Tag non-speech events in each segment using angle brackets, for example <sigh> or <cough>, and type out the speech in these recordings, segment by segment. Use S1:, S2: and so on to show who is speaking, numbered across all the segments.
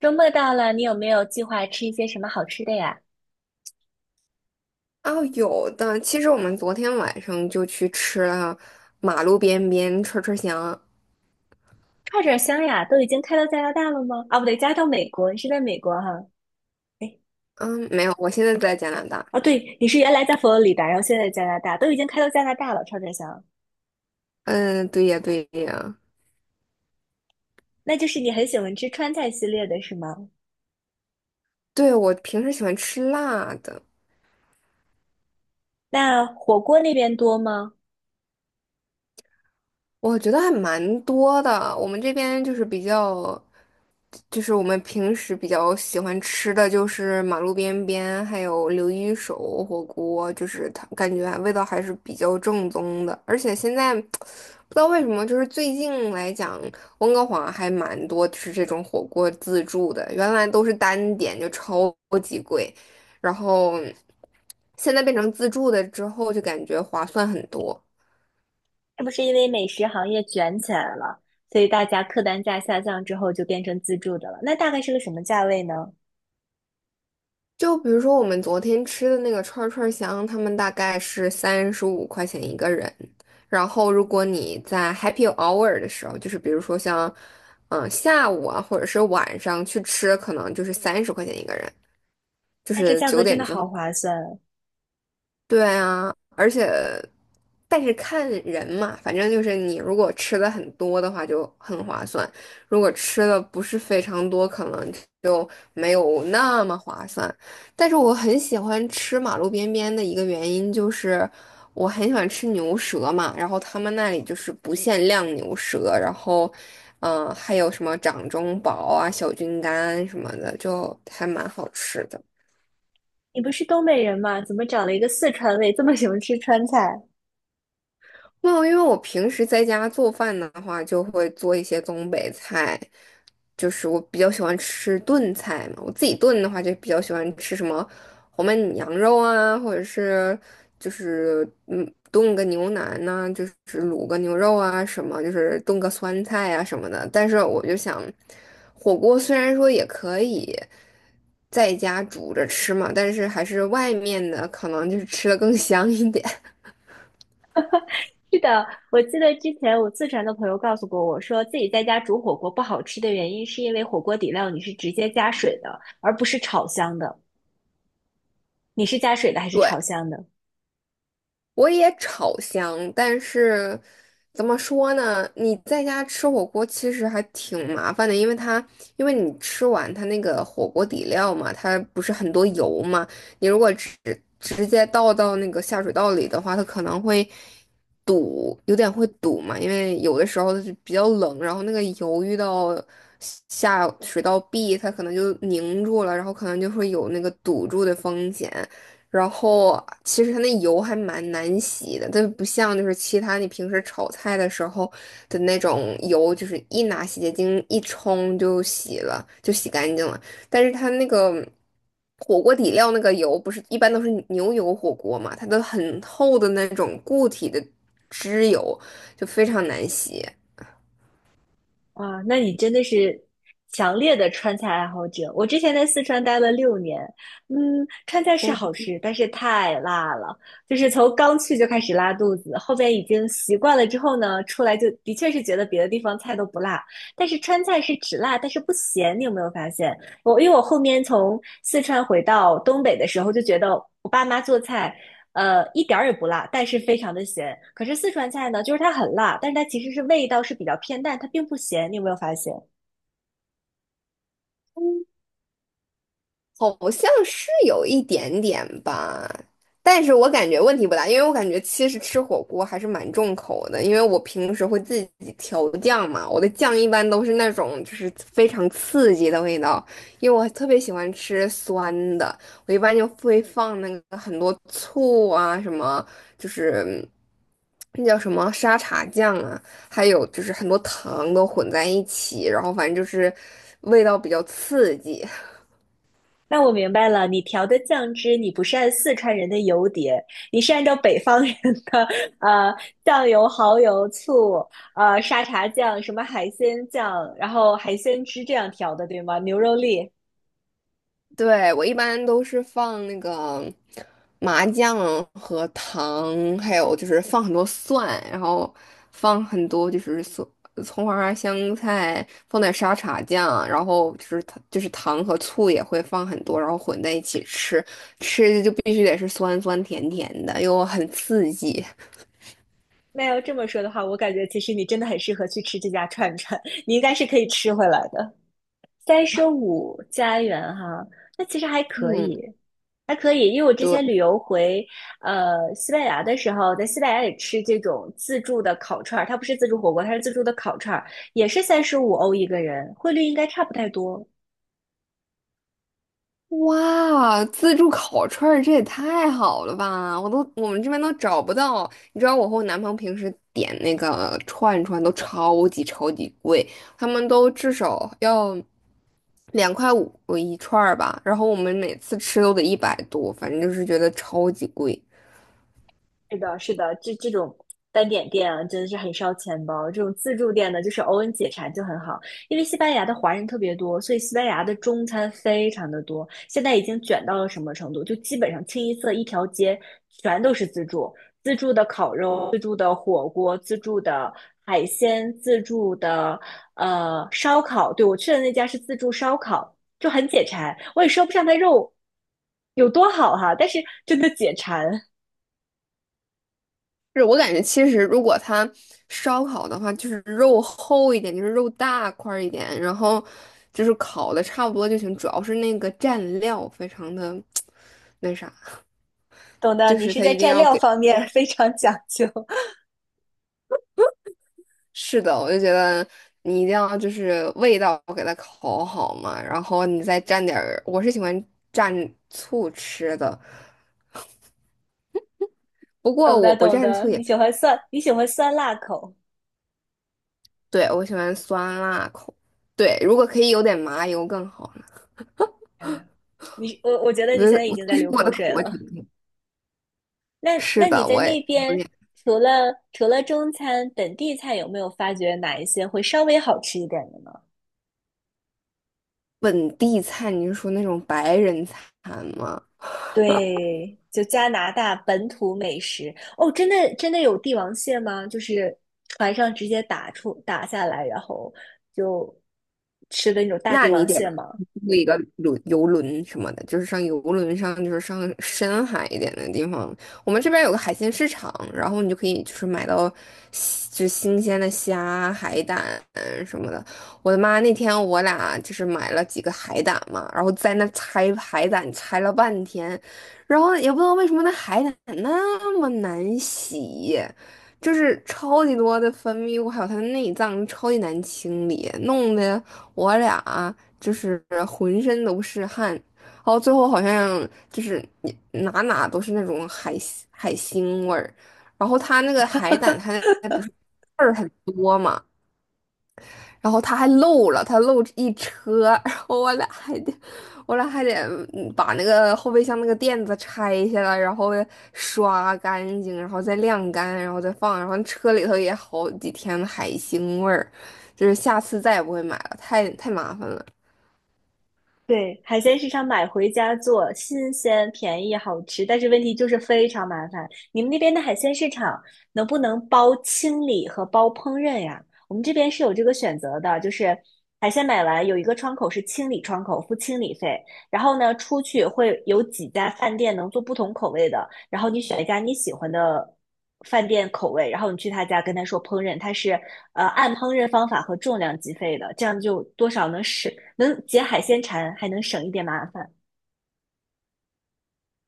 S1: 周末到了，你有没有计划吃一些什么好吃的呀？
S2: 哦，有的。其实我们昨天晚上就去吃了马路边边串串香。
S1: 串串香呀，都已经开到加拿大了吗？啊，不对，加到美国，你是在美国哈？哎，
S2: 嗯，没有，我现在在加拿大。
S1: 啊，对，你是原来在佛罗里达，然后现在加拿大，都已经开到加拿大了，串串香。
S2: 嗯，对呀，对呀。
S1: 那就是你很喜欢吃川菜系列的是吗？
S2: 对，我平时喜欢吃辣的。
S1: 那火锅那边多吗？
S2: 我觉得还蛮多的。我们这边就是比较，就是我们平时比较喜欢吃的就是马路边边，还有刘一手火锅，就是它感觉味道还是比较正宗的。而且现在 <tsk> 不知道为什么，就是最近来讲，温哥华还蛮多吃这种火锅自助的，原来都是单点就超级贵，然后现在变成自助的之后，就感觉划算很多。
S1: 是不是因为美食行业卷起来了，所以大家客单价下降之后就变成自助的了？那大概是个什么价位呢？
S2: 就比如说我们昨天吃的那个串儿香，他们大概是35块钱一个人。然后如果你在 happy hour 的时候，就是比如说像，下午啊，或者是晚上去吃，可能就是30块钱一个人，就
S1: 那这
S2: 是
S1: 价
S2: 九
S1: 格真
S2: 点
S1: 的
S2: 之
S1: 好划算。
S2: 对啊，而且，但是看人嘛，反正就是你如果吃的很多的话就很划算，如果吃的不是非常多，可能就没有那么划算。但是我很喜欢吃马路边边的一个原因就是，我很喜欢吃牛舌嘛，然后他们那里就是不限量牛舌，然后，还有什么掌中宝啊、小菌干什么的，就还蛮好吃的。
S1: 你不是东北人吗？怎么找了一个四川胃，这么喜欢吃川菜？
S2: 哦，因为我平时在家做饭的话，就会做一些东北菜，就是我比较喜欢吃炖菜嘛。我自己炖的话，就比较喜欢吃什么红焖羊肉啊，或者是炖个牛腩呐、就是卤个牛肉啊什么，就是炖个酸菜啊什么的。但是我就想，火锅虽然说也可以在家煮着吃嘛，但是还是外面的可能就是吃的更香一点。
S1: 是的，我记得之前我四川的朋友告诉过我说，自己在家煮火锅不好吃的原因是因为火锅底料你是直接加水的，而不是炒香的。你是加水的还
S2: <laughs>
S1: 是
S2: 对。
S1: 炒香的？
S2: 我也炒香，但是怎么说呢？你在家吃火锅其实还挺麻烦的，因为你吃完它那个火锅底料嘛，它不是很多油嘛，你如果直接倒到那个下水道里的话，它可能会堵，有点会堵嘛，因为有的时候是比较冷，然后那个油遇到下水道壁，它可能就凝住了，然后可能就会有那个堵住的风险。然后其实它那油还蛮难洗的，它不像就是其他你平时炒菜的时候的那种油，就是一拿洗洁精一冲就洗了，就洗干净了。但是它那个火锅底料那个油，不是一般都是牛油火锅嘛，它都很厚的那种固体的脂油，就非常难洗。
S1: 哇，那你真的是强烈的川菜爱好者。我之前在四川待了6年，嗯，川菜是好吃，但是太辣了，就是从刚去就开始拉肚子，后边已经习惯了之后呢，出来就的确是觉得别的地方菜都不辣，但是川菜是只辣但是不咸，你有没有发现？我因为我后面从四川回到东北的时候，就觉得我爸妈做菜，一点儿也不辣，但是非常的咸。可是四川菜呢，就是它很辣，但是它其实是味道是比较偏淡，它并不咸。你有没有发现？
S2: 好像是有一点点吧，但是我感觉问题不大，因为我感觉其实吃火锅还是蛮重口的，因为我平时会自己调酱嘛，我的酱一般都是那种就是非常刺激的味道，因为我特别喜欢吃酸的，我一般就会放那个很多醋啊，什么就是那叫什么沙茶酱啊，还有就是很多糖都混在一起，然后反正就是味道比较刺激。
S1: 那我明白了，你调的酱汁，你不是按四川人的油碟，你是按照北方人的呃酱油、蚝油、醋、沙茶酱、什么海鲜酱，然后海鲜汁这样调的，对吗？牛肉粒。
S2: 对，我一般都是放那个麻酱和糖，还有就是放很多蒜，然后放很多就是蒜、葱花、香菜，放点沙茶酱，然后就是糖和醋也会放很多，然后混在一起吃，吃的就必须得是酸酸甜甜的，又很刺激。
S1: 那要这么说的话，我感觉其实你真的很适合去吃这家串串，你应该是可以吃回来的。35家园哈，那其实还可以，
S2: 嗯，
S1: 还可以，因为我之
S2: 对。
S1: 前旅游回西班牙的时候，在西班牙也吃这种自助的烤串儿，它不是自助火锅，它是自助的烤串儿，也是35欧一个人，汇率应该差不太多。
S2: 哇，自助烤串儿这也太好了吧！我们这边都找不到。你知道我和我男朋友平时点那个串串都超级贵，他们都至少要2块5一串儿吧，然后我们每次吃都得100多，反正就是觉得超级贵。
S1: 是的，是的，这种单点店啊，真的是很烧钱包。这种自助店呢，就是偶尔解馋就很好。因为西班牙的华人特别多，所以西班牙的中餐非常的多。现在已经卷到了什么程度？就基本上清一色一条街全都是自助，自助的烤肉、自助的火锅、自助的海鲜、自助的烧烤。对，我去的那家是自助烧烤，就很解馋。我也说不上它肉有多好哈，但是真的解馋。
S2: 是我感觉其实如果它烧烤的话，就是肉厚一点，就是肉大块儿一点，然后就是烤的差不多就行，主要是那个蘸料非常的 <tsk> 那啥。
S1: 懂的，
S2: 就
S1: 你
S2: 是
S1: 是
S2: 它
S1: 在
S2: 一定
S1: 蘸
S2: 要
S1: 料
S2: 给，
S1: 方面 <laughs> 非常讲究。<laughs>
S2: 是的，我就觉得你一定要就是味道给它烤好嘛，然后你再蘸点儿，我是喜欢蘸醋吃的，不过
S1: 懂的，
S2: 我不
S1: 懂
S2: 蘸
S1: 的，
S2: 醋
S1: 你
S2: 也，
S1: 喜欢酸，你喜欢酸辣口。
S2: 对，我喜欢酸辣口。对，如果可以有点麻油更好呢。
S1: 天呐，你我觉得
S2: 我
S1: 你
S2: 觉
S1: 现在
S2: 得
S1: 已
S2: 我
S1: 经在
S2: 其实 <laughs>
S1: 流
S2: 我
S1: 口
S2: 的
S1: 水
S2: 口味挺
S1: 了。
S2: 重，
S1: 那
S2: 是
S1: 那你
S2: 的，
S1: 在
S2: 我也
S1: 那
S2: 有
S1: 边
S2: 点
S1: 除了中餐，本地菜有没有发觉哪一些会稍微好吃一点的呢？
S2: 本地菜。你是说那种白人餐吗？
S1: 对，就加拿大本土美食哦，真的真的有帝王蟹吗？就是船上直接打下来，然后就吃的那种大
S2: 那
S1: 帝
S2: 你
S1: 王
S2: 得
S1: 蟹吗？
S2: 租一个游轮什么的，就是上游轮上，就是上深海一点的地方。我们这边有个海鲜市场，然后你就可以就是买到新鲜的虾、海胆什么的。我的妈！那天我俩就是买了几个海胆嘛，然后在那拆海胆，拆了半天，然后也不知道为什么那海胆那么难洗。就是超级多的分泌物，还有它的内脏超级难清理，弄得我俩啊就是浑身都是汗，然后最后好像就是你哪哪都是那种海腥味儿，然后他那个海胆，它那不是刺儿很多嘛，然后他还漏了，他漏一车。<laughs> 然后我俩还得把那个后备箱那个垫子拆下来，然后刷干净，然后再晾干，然后再放，然后车里头也好几天海腥味儿。就是下次再也不会买了，太麻烦了。
S1: 对，海鲜市场买回家做，新鲜、便宜、好吃，但是问题就是非常麻烦。你们那边的海鲜市场能不能包清理和包烹饪呀？我们这边是有这个选择的，就是海鲜买完有一个窗口是清理窗口，付清理费，然后呢出去会有几家饭店能做不同口味的，然后你选一家你喜欢的饭店口味，然后你去他家跟他说烹饪，他是按烹饪方法和重量计费的，这样就多少能省能解海鲜馋，还能省一点麻烦。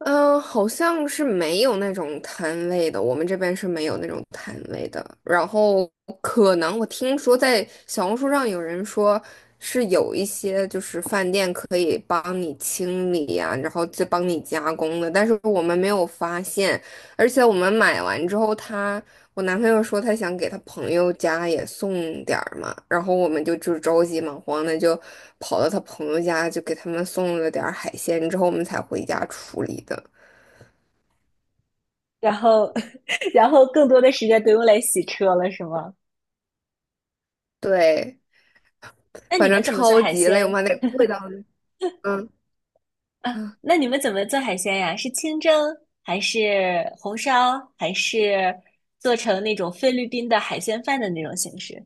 S2: 嗯，好像是没有那种摊位的，我们这边是没有那种摊位的。然后可能我听说在小红书上有人说是有一些就是饭店可以帮你清理呀、然后再帮你加工的，但是我们没有发现，而且我们买完之后它。我男朋友说他想给他朋友家也送点儿嘛，然后我们就着急忙慌的就跑到他朋友家，就给他们送了点儿海鲜，之后我们才回家处理的。
S1: 然后 <laughs>，然后更多的时间都用来洗车了，是吗？
S2: 对，
S1: 那
S2: 反
S1: 你们
S2: 正
S1: 怎么做
S2: 超
S1: 海
S2: 级累，我
S1: 鲜
S2: 们还得跪到那，嗯
S1: 啊？
S2: 啊
S1: 那你们怎么做海鲜呀？是清蒸还是红烧，还是做成那种菲律宾的海鲜饭的那种形式，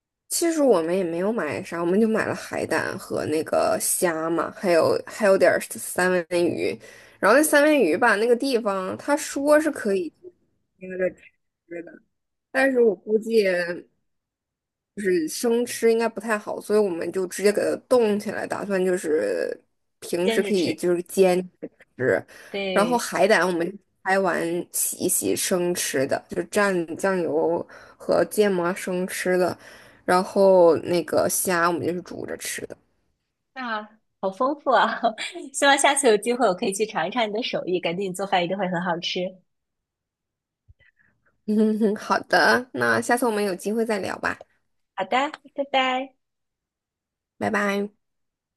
S2: <sniffs> 其实我们也没有买啥，我们就买了海胆和那个虾嘛，还有点儿三文鱼，然后那三文鱼吧，那个地方他说是可以那个吃的，但是我估计。是生吃应该不太好，所以我们就直接给它冻起来，打算就是平
S1: 煎
S2: 时
S1: 着
S2: 可以
S1: 吃？
S2: 就是煎吃。然后
S1: 对。
S2: 海胆我们拍完洗一洗生吃的，就蘸酱油和芥末生吃的。然后那个虾我们就是煮着吃的。
S1: 啊，好丰富啊！<laughs> 希望下次有机会我可以去尝一尝你的手艺，感觉你做饭一定会很好吃。
S2: <laughs> 好的，那下次我们有机会再聊吧。
S1: 好的，拜拜。
S2: 拜拜。